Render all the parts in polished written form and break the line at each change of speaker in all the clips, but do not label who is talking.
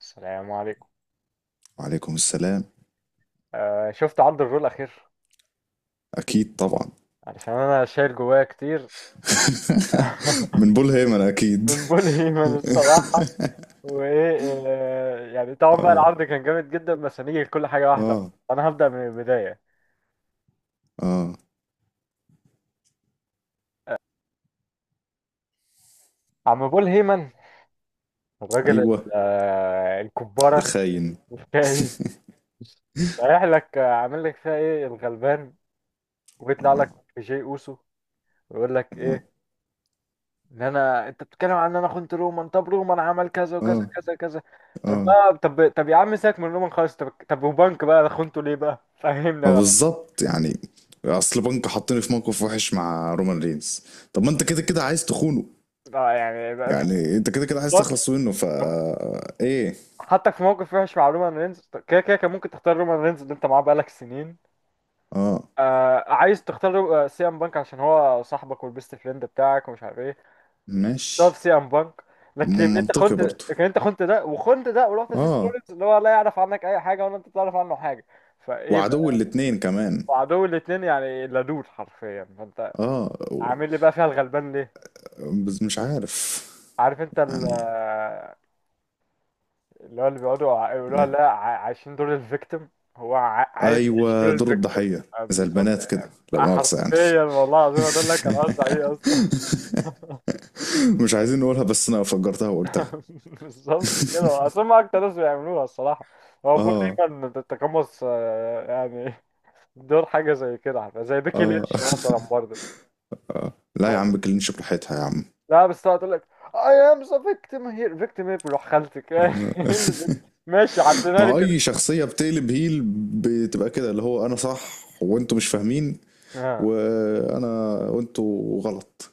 السلام عليكم.
وعليكم السلام.
آه شفت عرض الرول الأخير؟
أكيد طبعا.
علشان أنا شايل جوايا كتير.
من بول هيمن أكيد.
من بول هيمن الصراحة. وإيه، يعني طبعا بقى
آه.
العرض كان جامد جدا، بس هنيجي لكل حاجة واحدة.
آه.
أنا هبدأ من البداية.
آه.
عم بول هيمن، الراجل
أيوه.
الكبارة،
الخاين.
الكاهن، رايح لك، عامل لك فيها إيه الغلبان، ويطلع
آه.
لك في جي أوسو ويقول لك
آه.
إيه؟ ان انت بتتكلم عن ان انا خنت رومان. طب رومان عمل كذا وكذا
آه.
كذا كذا. طب
آه.
بقى، طب يا عم سيبك من رومان خالص. طب وبنك بقى انا خنته ليه بقى؟ فهمني
ما
انا.
بالظبط يعني. أصل بنك حطني في موقف وحش مع رومان رينز. طب ما أنت كده كده عايز تخونه،
آه يعني بقى-
يعني أنت كده كده عايز تخلص
بالظبط.
منه، فا إيه؟
حطك في موقف وحش مع رومان رينز، طب كده كده كان ممكن تختار رومان رينز اللي انت معاه بقالك سنين.
آه.
آه عايز تختار سي ام بانك عشان هو صاحبك والبيست فريند بتاعك ومش عارف ايه. طب
ماشي.
سي ام بانك، لكن
م-
انت
منطقي
خنت.
برضه.
لكن انت خنت ده وخنت ده، ورحت لسيس
آه.
رولينز اللي هو لا يعرف عنك اي حاجه ولا انت تعرف عنه حاجه. فايه؟
وعدو الاتنين كمان.
وعدو الاتنين يعني، لدود حرفيا. فانت
آه.
عامل لي بقى فيها الغلبان ليه؟
بس مش عارف
عارف انت
يعني
اللي هو اللي بيقعدوا يقولوها،
ليه.
لا ع- عايشين دور الفيكتيم. هو عايز يعيش
ايوه،
دور
دور
الفيكتيم.
الضحيه.
آه،
زي
بالظبط.
البنات كده، لا
بقى
مؤاخذه يعني.
حرفيا والله العظيم هدول لك كان قصدي عليه اصلا.
مش عايزين نقولها بس انا فجرتها وقلتها.
بالظبط كده، اصل هم اكتر ناس بيعملوها الصراحه. هو بول
اه.
دايما تتقمص، يعني، دور حاجه زي كده، زي بيكي
اه.
لينش مثلا برضه.
اه لا يا عم، كلينش براحتها يا عم.
لا بس هتقول لك، I am the victim here. Victim ايه بروح خالتك؟ إيه ماشي عدينا
ما
لي
هو
كده.
اي شخصيه بتقلب هيل بتبقى كده، اللي هو انا صح وانتوا مش فاهمين،
اه
وانا وانتوا غلط.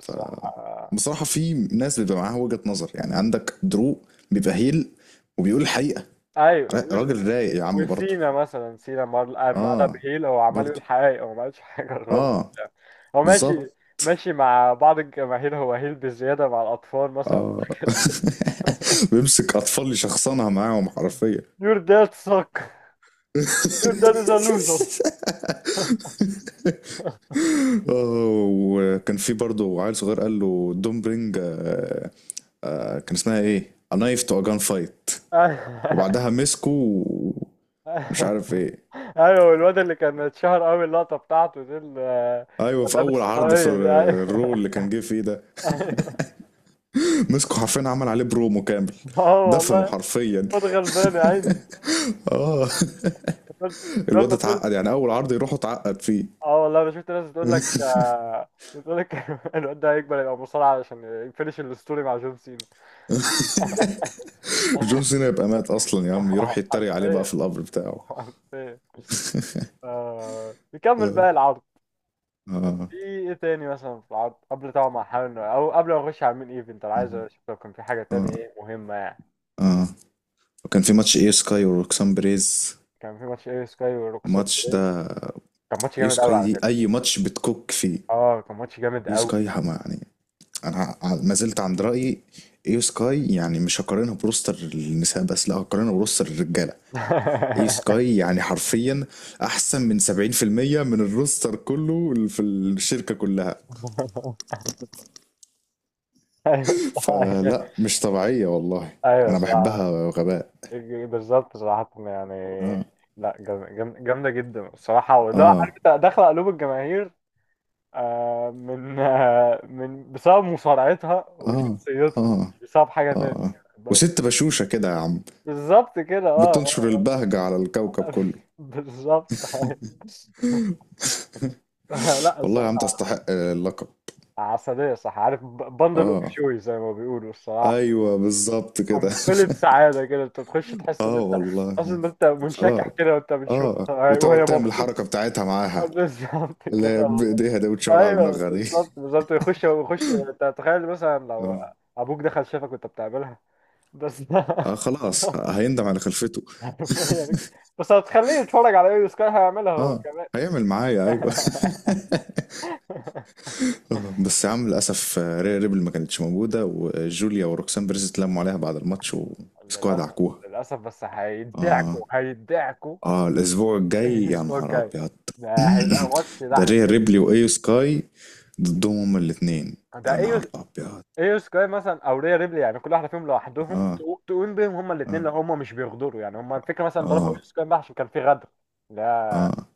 ف
صح آه.
بصراحة في ناس بيبقى معاها وجهة نظر، يعني عندك دروق بيبقى هيل وبيقول الحقيقة.
ايوه
را- راجل رايق يا عم برضه.
وسينا مثلا، لما قلب
اه.
هيل هو عمال
برضه.
يقول حقائق، هو ما قالش حاجه غلط.
اه.
هو ماشي،
بالظبط.
بص، ماشي مع بعض الجماهير، هو هيل بزياده مع الاطفال مثلا.
اه. بيمسك اطفال يشخصنها معاهم حرفيا.
Your dad suck. Your dad is a loser.
اه، وكان في برضه عيل صغير قال له دون برينج. آه. آه كان اسمها ايه A knife to a gun fight. وبعدها مسكه، مش عارف ايه.
ايوه الواد اللي كان اتشهر قوي اللقطه بتاعته دي، اللي
ايوه
كان
في اول
لابس
عرض في
خاويه دي، ايوه.
الرو اللي كان جه فيه ده.
اه
مسكوا حرفيا، عمل عليه برومو كامل، دفنوا
والله.
حرفيا.
خد غلبان يا عيني.
اه.
الواد
الواد
ما
اتعقد
صرت.
يعني، اول عرض يروح اتعقد فيه.
اه والله انا شفت ناس بتقول لك، آه، بتقول لك، الواد ده هيكبر يبقى مصارع علشان يفinish الستوري مع جون سينا.
جون سينا يبقى مات اصلا يا عم، يروح يتريق عليه بقى
حرفيا.
في القبر بتاعه.
حرفيا. آه، نكمل
اه.
بقى العرض.
اه.
في ايه تاني مثلا في العرض، قبل طبعا ما احاول، او قبل ما نخش على المين ايفنت، انا عايز اشوف لو كان في حاجه تاني
اه.
ايه مهمه يعني.
اه. وكان في ماتش اي سكاي وروكسان بريز.
كان في ماتش ايه سكاي وروكسين
الماتش
بريز.
ده،
كان ماتش
اي
جامد قوي
سكاي
على
دي
فكره.
اي ماتش بتكوك فيه.
اه كان ماتش جامد
اي
قوي.
سكاي حما يعني. انا ما زلت عند رايي. ايو سكاي يعني مش هقارنها بروستر النساء، بس لا هقارنها بروستر الرجاله. ايو سكاي يعني حرفيا احسن من 70% من الروستر كله اللي في الشركه كلها.
ايوه صح.
فلا، مش طبيعيه والله.
ايوه
انا
صح.
بحبها غباء.
بالظبط صراحة يعني.
اه.
لا جامدة جدا الصراحة، لا عارف
اه.
انت داخلة قلوب الجماهير، من من بسبب مصارعتها
اه.
وشخصيتها،
اه.
مش بسبب حاجة تانية يعني،
اه.
خد بالك
وست
انت.
بشوشه كده يا عم،
بالظبط كده اه
بتنشر
آه.
البهجه على الكوكب كله.
بالظبط. لا
والله يا عم
الصراحة،
تستحق اللقب.
عسلية صح، عارف بندل اوف
اه.
شوي زي ما بيقولوا الصراحة.
ايوه بالظبط كده.
قنبلة سعادة كده، انت تخش تحس ان
اه
انت اصلا،
والله.
ان انت منشكح
خلاص.
كده وانت
اه،
بتشوفها وهي
وتقعد تعمل
مبسوطة.
الحركة بتاعتها معاها،
بالظبط
اللي
كده
هي
والله.
بإيديها دي وتشاور على
ايوه
دماغها دي.
بالظبط بالظبط، يخش يخش، انت تخيل مثلا لو
اه.
ابوك دخل شافك وانت بتعملها. بس
خلاص هيندم على خلفته.
حرفيا. بس هتخليه يتفرج على ايه سكاي هيعملها هو
اه.
كمان.
هيعمل معايا، ايوه. بس يا عم للاسف. ريا ريبل ما كانتش موجوده، وجوليا وروكسان بيريز اتلموا عليها بعد الماتش ومسكوها
للاسف.
دعكوها.
للاسف، بس هيدعكوا
اه.
هيدعكوا.
اه الاسبوع الجاي يا
الاسبوع
نهار
الجاي
ابيض.
ده هيبقى ماتش
ده
لعب.
ريا ريبلي وايو سكاي ضدهم هما الاتنين. يا
ده
نهار
ايه؟
ابيض.
ايه سكاي مثلا او ريا ريبلي يعني كل واحده فيهم لوحدهم
اه.
تقوم بيهم هما الاثنين
اه.
لو هما مش بيغدروا يعني. هما الفكره مثلا ضربوا
اه.
ايه سكاي بقى عشان كان في غدر. لا،
اه.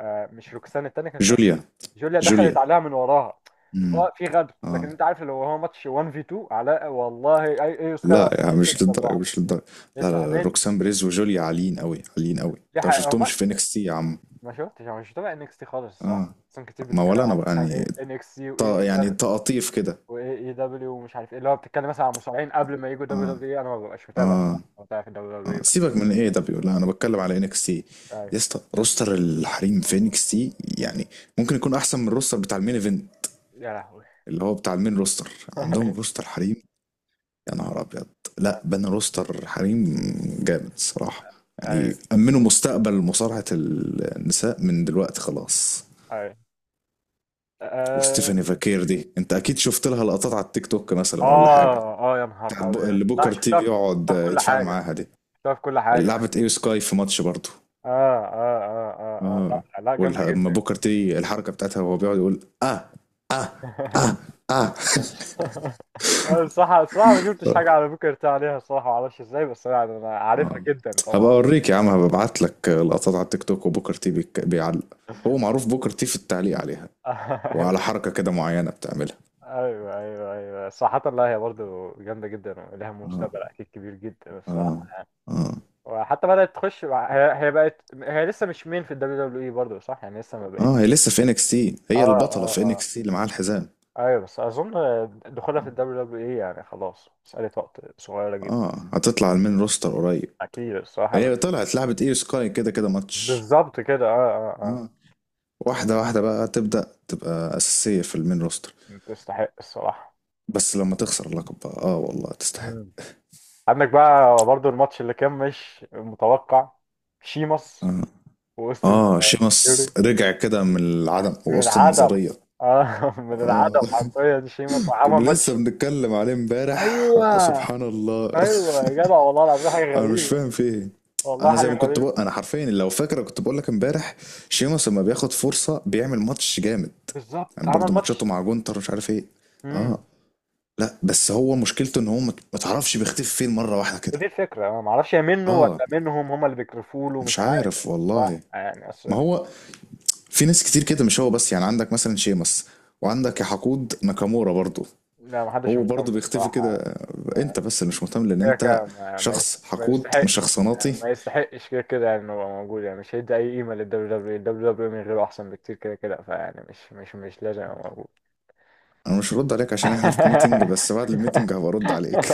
آه مش روكسان، التانيه كان اسمها
جوليا.
جوليا، دخلت
جوليا.
عليها من وراها.
امم.
هو في غدر، لكن
اه
انت عارف لو هو ماتش 1 في 2 علاء والله اي، اي سكاي
لا يا عم، مش
تكسب
للدرجه
لوحده.
مش للدرجه. لا
اسمع
لا، لا.
مني.
روكسان بريز وجوليا عاليين قوي، عاليين قوي.
دي
انت ما
حقيقه، هو ما
شفتهمش في انكس تي يا عم.
ما شفتش، انا مش متابع ان اكس تي خالص الصراحه،
اه.
اصلا كتير
ما
بتتكلم
ولا انا
عن
بقى
مثلا
يعني.
ايه ان اكس تي واي اي،
يعني تقاطيف كده.
واي اي دبليو ومش عارف ايه، اللي هو بتتكلم مثلا عن مصارعين قبل ما يجوا دبليو
اه.
دبليو اي. انا ما ببقاش متابع
اه.
الصراحه، ما بتابع في دبليو دبليو اي
اه
بس.
سيبك من ايه دبليو، لا انا بتكلم على انكس تي.
ايوه.
يا اسطى روستر الحريم في انكس تي يعني ممكن يكون احسن من الروستر بتاع المين ايفنت،
يا لهوي.
اللي هو بتاع المين روستر. عندهم روستر حريم، يا نهار ابيض. لا بنى، روستر حريم جامد الصراحه.
ايوه
يعني امنوا مستقبل مصارعه النساء من دلوقتي خلاص.
ايوه اه
وستيفاني فاكير دي انت اكيد شفت لها لقطات على التيك توك مثلا ولا حاجه.
اه، آه، يا
بتاعت
نهار
بو-
ابيض.
اللي
لا
بوكر تي في يقعد
شفتها في كل
يتفاعل
حاجه.
معاها دي،
شفتها في كل
اللي
حاجه.
لعبت ايو سكاي في ماتش برضه.
اه اه اه اه، آه. لا
اه.
لا جامده
ولما
جدا.
بوكر تي الحركه بتاعتها وهو بيقعد يقول اه. اه. اه. اه.
انا الصراحه الصراحه ما شفتش حاجه على بوكر تي عليها الصراحه، ما اعرفش ازاي، بس أنا عارفها
اه.
جدا
هبقى
طبعا.
اوريك يا عم، هبقى ابعت لك لقطات على التيك توك وبوكر تي بيعلق. هو معروف بوكر تي في التعليق عليها وعلى حركة كده معينة بتعملها.
ايوه ايوه ايوه، صراحة لا هي برضه جامدة جدا، ولها
اه.
مستقبل اكيد كبير جدا
اه.
الصراحة.
اه.
وحتى بدأت تخش هي بقت، هي لسه مش مين في الدبليو دبليو اي برضه صح يعني، لسه ما
اه. هي
بقتش.
لسه في انكس تي،
اه
هي البطلة
اه
في
اه.
انكس تي اللي معاها الحزام.
ايوه بس اظن دخولها في الدبليو دبليو اي يعني خلاص مسألة وقت صغيرة جدا.
اه هتطلع المين روستر قريب.
اكيد الصراحة.
هي طلعت لعبة ايو سكاي كده كده ماتش.
بالظبط كده اه اه.
اه. واحدة واحدة بقى تبدأ تبقى أساسية في المين روستر.
اه تستحق الصراحة.
بس لما تخسر اللقب بقى، اه والله تستحق.
مم. عندك بقى برضه الماتش اللي كان مش متوقع، شيمس
اه.
واوستن،
اه. شيمس رجع كده من العدم
من
وسط
العدم.
النظرية.
اه من
اه.
العدم حرفيا، شيما صح عمل
كنا لسه
ماتش.
بنتكلم عليه امبارح
ايوه
سبحان الله.
ايوه يا جدع والله العظيم حاجه
انا مش
غريبه.
فاهم في ايه.
والله
انا زي
حاجه
ما كنت
غريبه.
بقول، انا حرفيا لو فاكره كنت بقول لك امبارح، شيمس لما بياخد فرصه بيعمل ماتش جامد.
بالظبط
يعني
عمل
برضه ماتشاته
ماتش.
مع جونتر مش عارف ايه. اه.
امم.
لا بس هو مشكلته ان هو ما تعرفش بيختفي فين مره واحده كده.
ودي الفكره، انا ما اعرفش هي منه
اه.
ولا منهم هم اللي بيكرفوا له، مش
مش
عارف.
عارف والله.
صح يعني اصل.
ما هو في ناس كتير كده مش هو بس، يعني عندك مثلا شيمس، وعندك يا حقود ناكامورا برضو.
لا ما حدش
هو برضه
مهتم
بيختفي
الصراحه
كده.
يعني. ما
انت بس اللي مش مهتم لان
كده
انت
كده
شخص
ما
حقود
يستحقش
مش شخصناتي.
يعني، ما يستحقش كده كده يعني انه يبقى موجود، يعني مش هيدي اي قيمه للدبليو دبليو دبليو دبليو، من غيره احسن بكتير كده كده، فيعني مش مش لازم يبقى موجود.
انا مش هرد عليك عشان احنا في ميتنج، بس بعد الميتنج هبقى ارد عليك.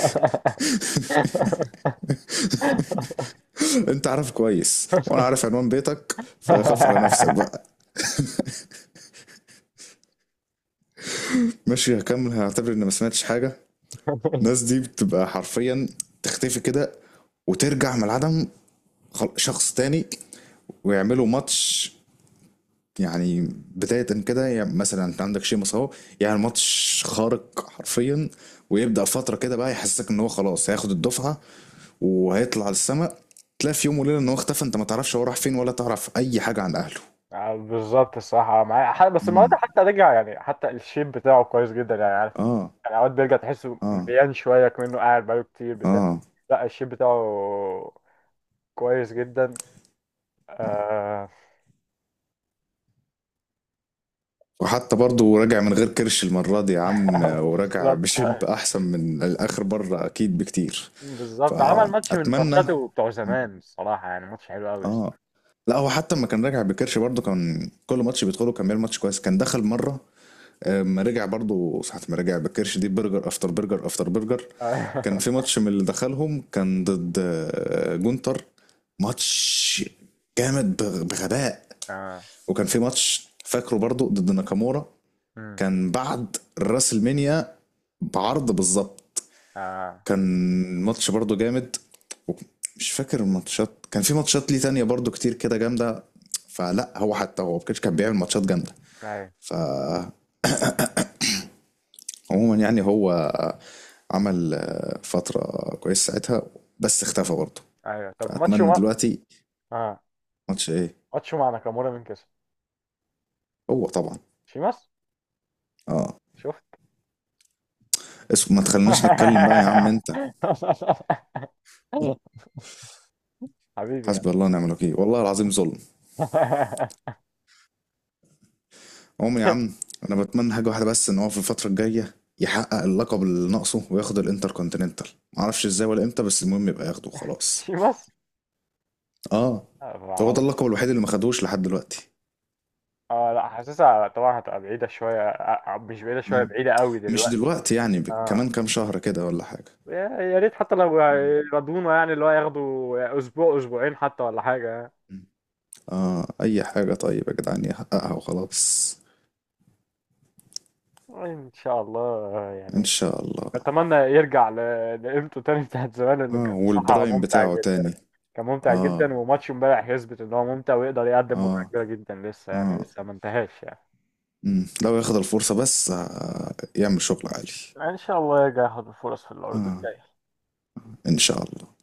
انت عارف كويس وانا عارف عنوان بيتك، فخاف على نفسك بقى. ماشي، هكمل هعتبر اني ما سمعتش حاجه. الناس دي بتبقى حرفيا تختفي كده وترجع من العدم شخص تاني، ويعملوا ماتش يعني بداية كده. يعني مثلا انت عندك شيمس اهو، يعني ماتش خارق حرفيا، ويبدأ فترة كده بقى يحسسك ان هو خلاص هياخد الدفعة وهيطلع السماء. تلاقي في يوم وليلة ان هو اختفى، انت ما تعرفش هو راح فين ولا تعرف اي حاجة عن اهله.
آه، بالظبط الصراحة. بس النهارده
امم.
حتى رجع، يعني حتى الشيب بتاعه كويس جدا يعني، عارف،
اه.
يعني اوقات بيرجع تحسه
اه.
مليان شوية، كمنه قاعد بقاله كتير بتاع.
اه.
لا الشيب بتاعه كويس جدا. آه.
وحتى برضه راجع من غير كرش المرة دي يا عم، وراجع
بالظبط.
بشيب احسن من الاخر بره اكيد بكتير.
بالظبط عمل ماتش من
فاتمنى.
ماتشاته بتوع زمان الصراحة، يعني ماتش حلو قوي.
اه. لا هو حتى لما كان راجع بكرش برضه كان كل ماتش بيدخله كان بيعمل ماتش كويس، كان دخل مره. اما رجع برضه ساعة ما رجع بكرش دي برجر افتر برجر افتر برجر.
اه
كان في ماتش من اللي دخلهم كان ضد جونتر. ماتش جامد بغباء.
اه.
وكان في ماتش فاكره برضه ضد ناكامورا،
أمم.
كان بعد الراسلمينيا بعرض بالظبط.
آه.
كان ماتش برضو جامد. وك- مش فاكر الماتشات، كان في ماتشات ليه تانية برضو كتير كده جامدة. فلا هو حتى هو كده كان بيعمل ماتشات جامدة. فعموما يعني هو عمل فترة كويسة ساعتها، بس اختفى برضه.
ايوه طب ماتشو
فأتمنى
ما.
دلوقتي
اه
ماتش ايه.
ماتشو مع ناكامورا مين كسب؟
هو طبعا.
شيماس.
اه.
شفت؟
اسم ما تخليناش نتكلم بقى يا عم انت.
حبيبي يا.
حسبي الله ونعم الوكيل والله العظيم ظلم عمري يا عم. انا بتمنى حاجه واحده بس، ان هو في الفتره الجايه يحقق اللقب اللي ناقصه وياخد الانتركونتيننتال. معرفش ازاي ولا امتى، بس المهم يبقى ياخده وخلاص.
شيماس.
اه.
آه، ما
هو ده
اعرفش.
اللقب الوحيد اللي ما خدوش لحد دلوقتي.
اه لا حاسسها طبعا هتبقى بعيده شويه، مش بعيده شويه،
مم.
بعيده قوي
مش
دلوقتي.
دلوقتي يعني، ب-
اه
كمان كام شهر كده ولا حاجه.
يا ريت حتى لو
مم.
يرضونا يعني اللي هو ياخدوا اسبوع اسبوعين حتى ولا حاجه.
مم. اه اي حاجه طيب يا جدعان يحققها وخلاص.
ان شاء الله. آه،
ان
يعني
شاء الله.
اتمنى يرجع لقيمته تاني بتاعت زمان، انه
اه
كان صح
والبرايم
ممتع
بتاعه
جدا.
تاني.
كان ممتع
اه.
جدا، وماتش امبارح يثبت ان هو ممتع، ويقدر يقدم متعة
اه.
كبيرة جدا لسه، يعني
اه.
لسه ما انتهاش يعني.
مم. لو ياخد الفرصه بس يعمل شغل عالي.
ان شاء الله يرجع ياخد الفرص في العروض
اه.
الجاية.
ان شاء الله.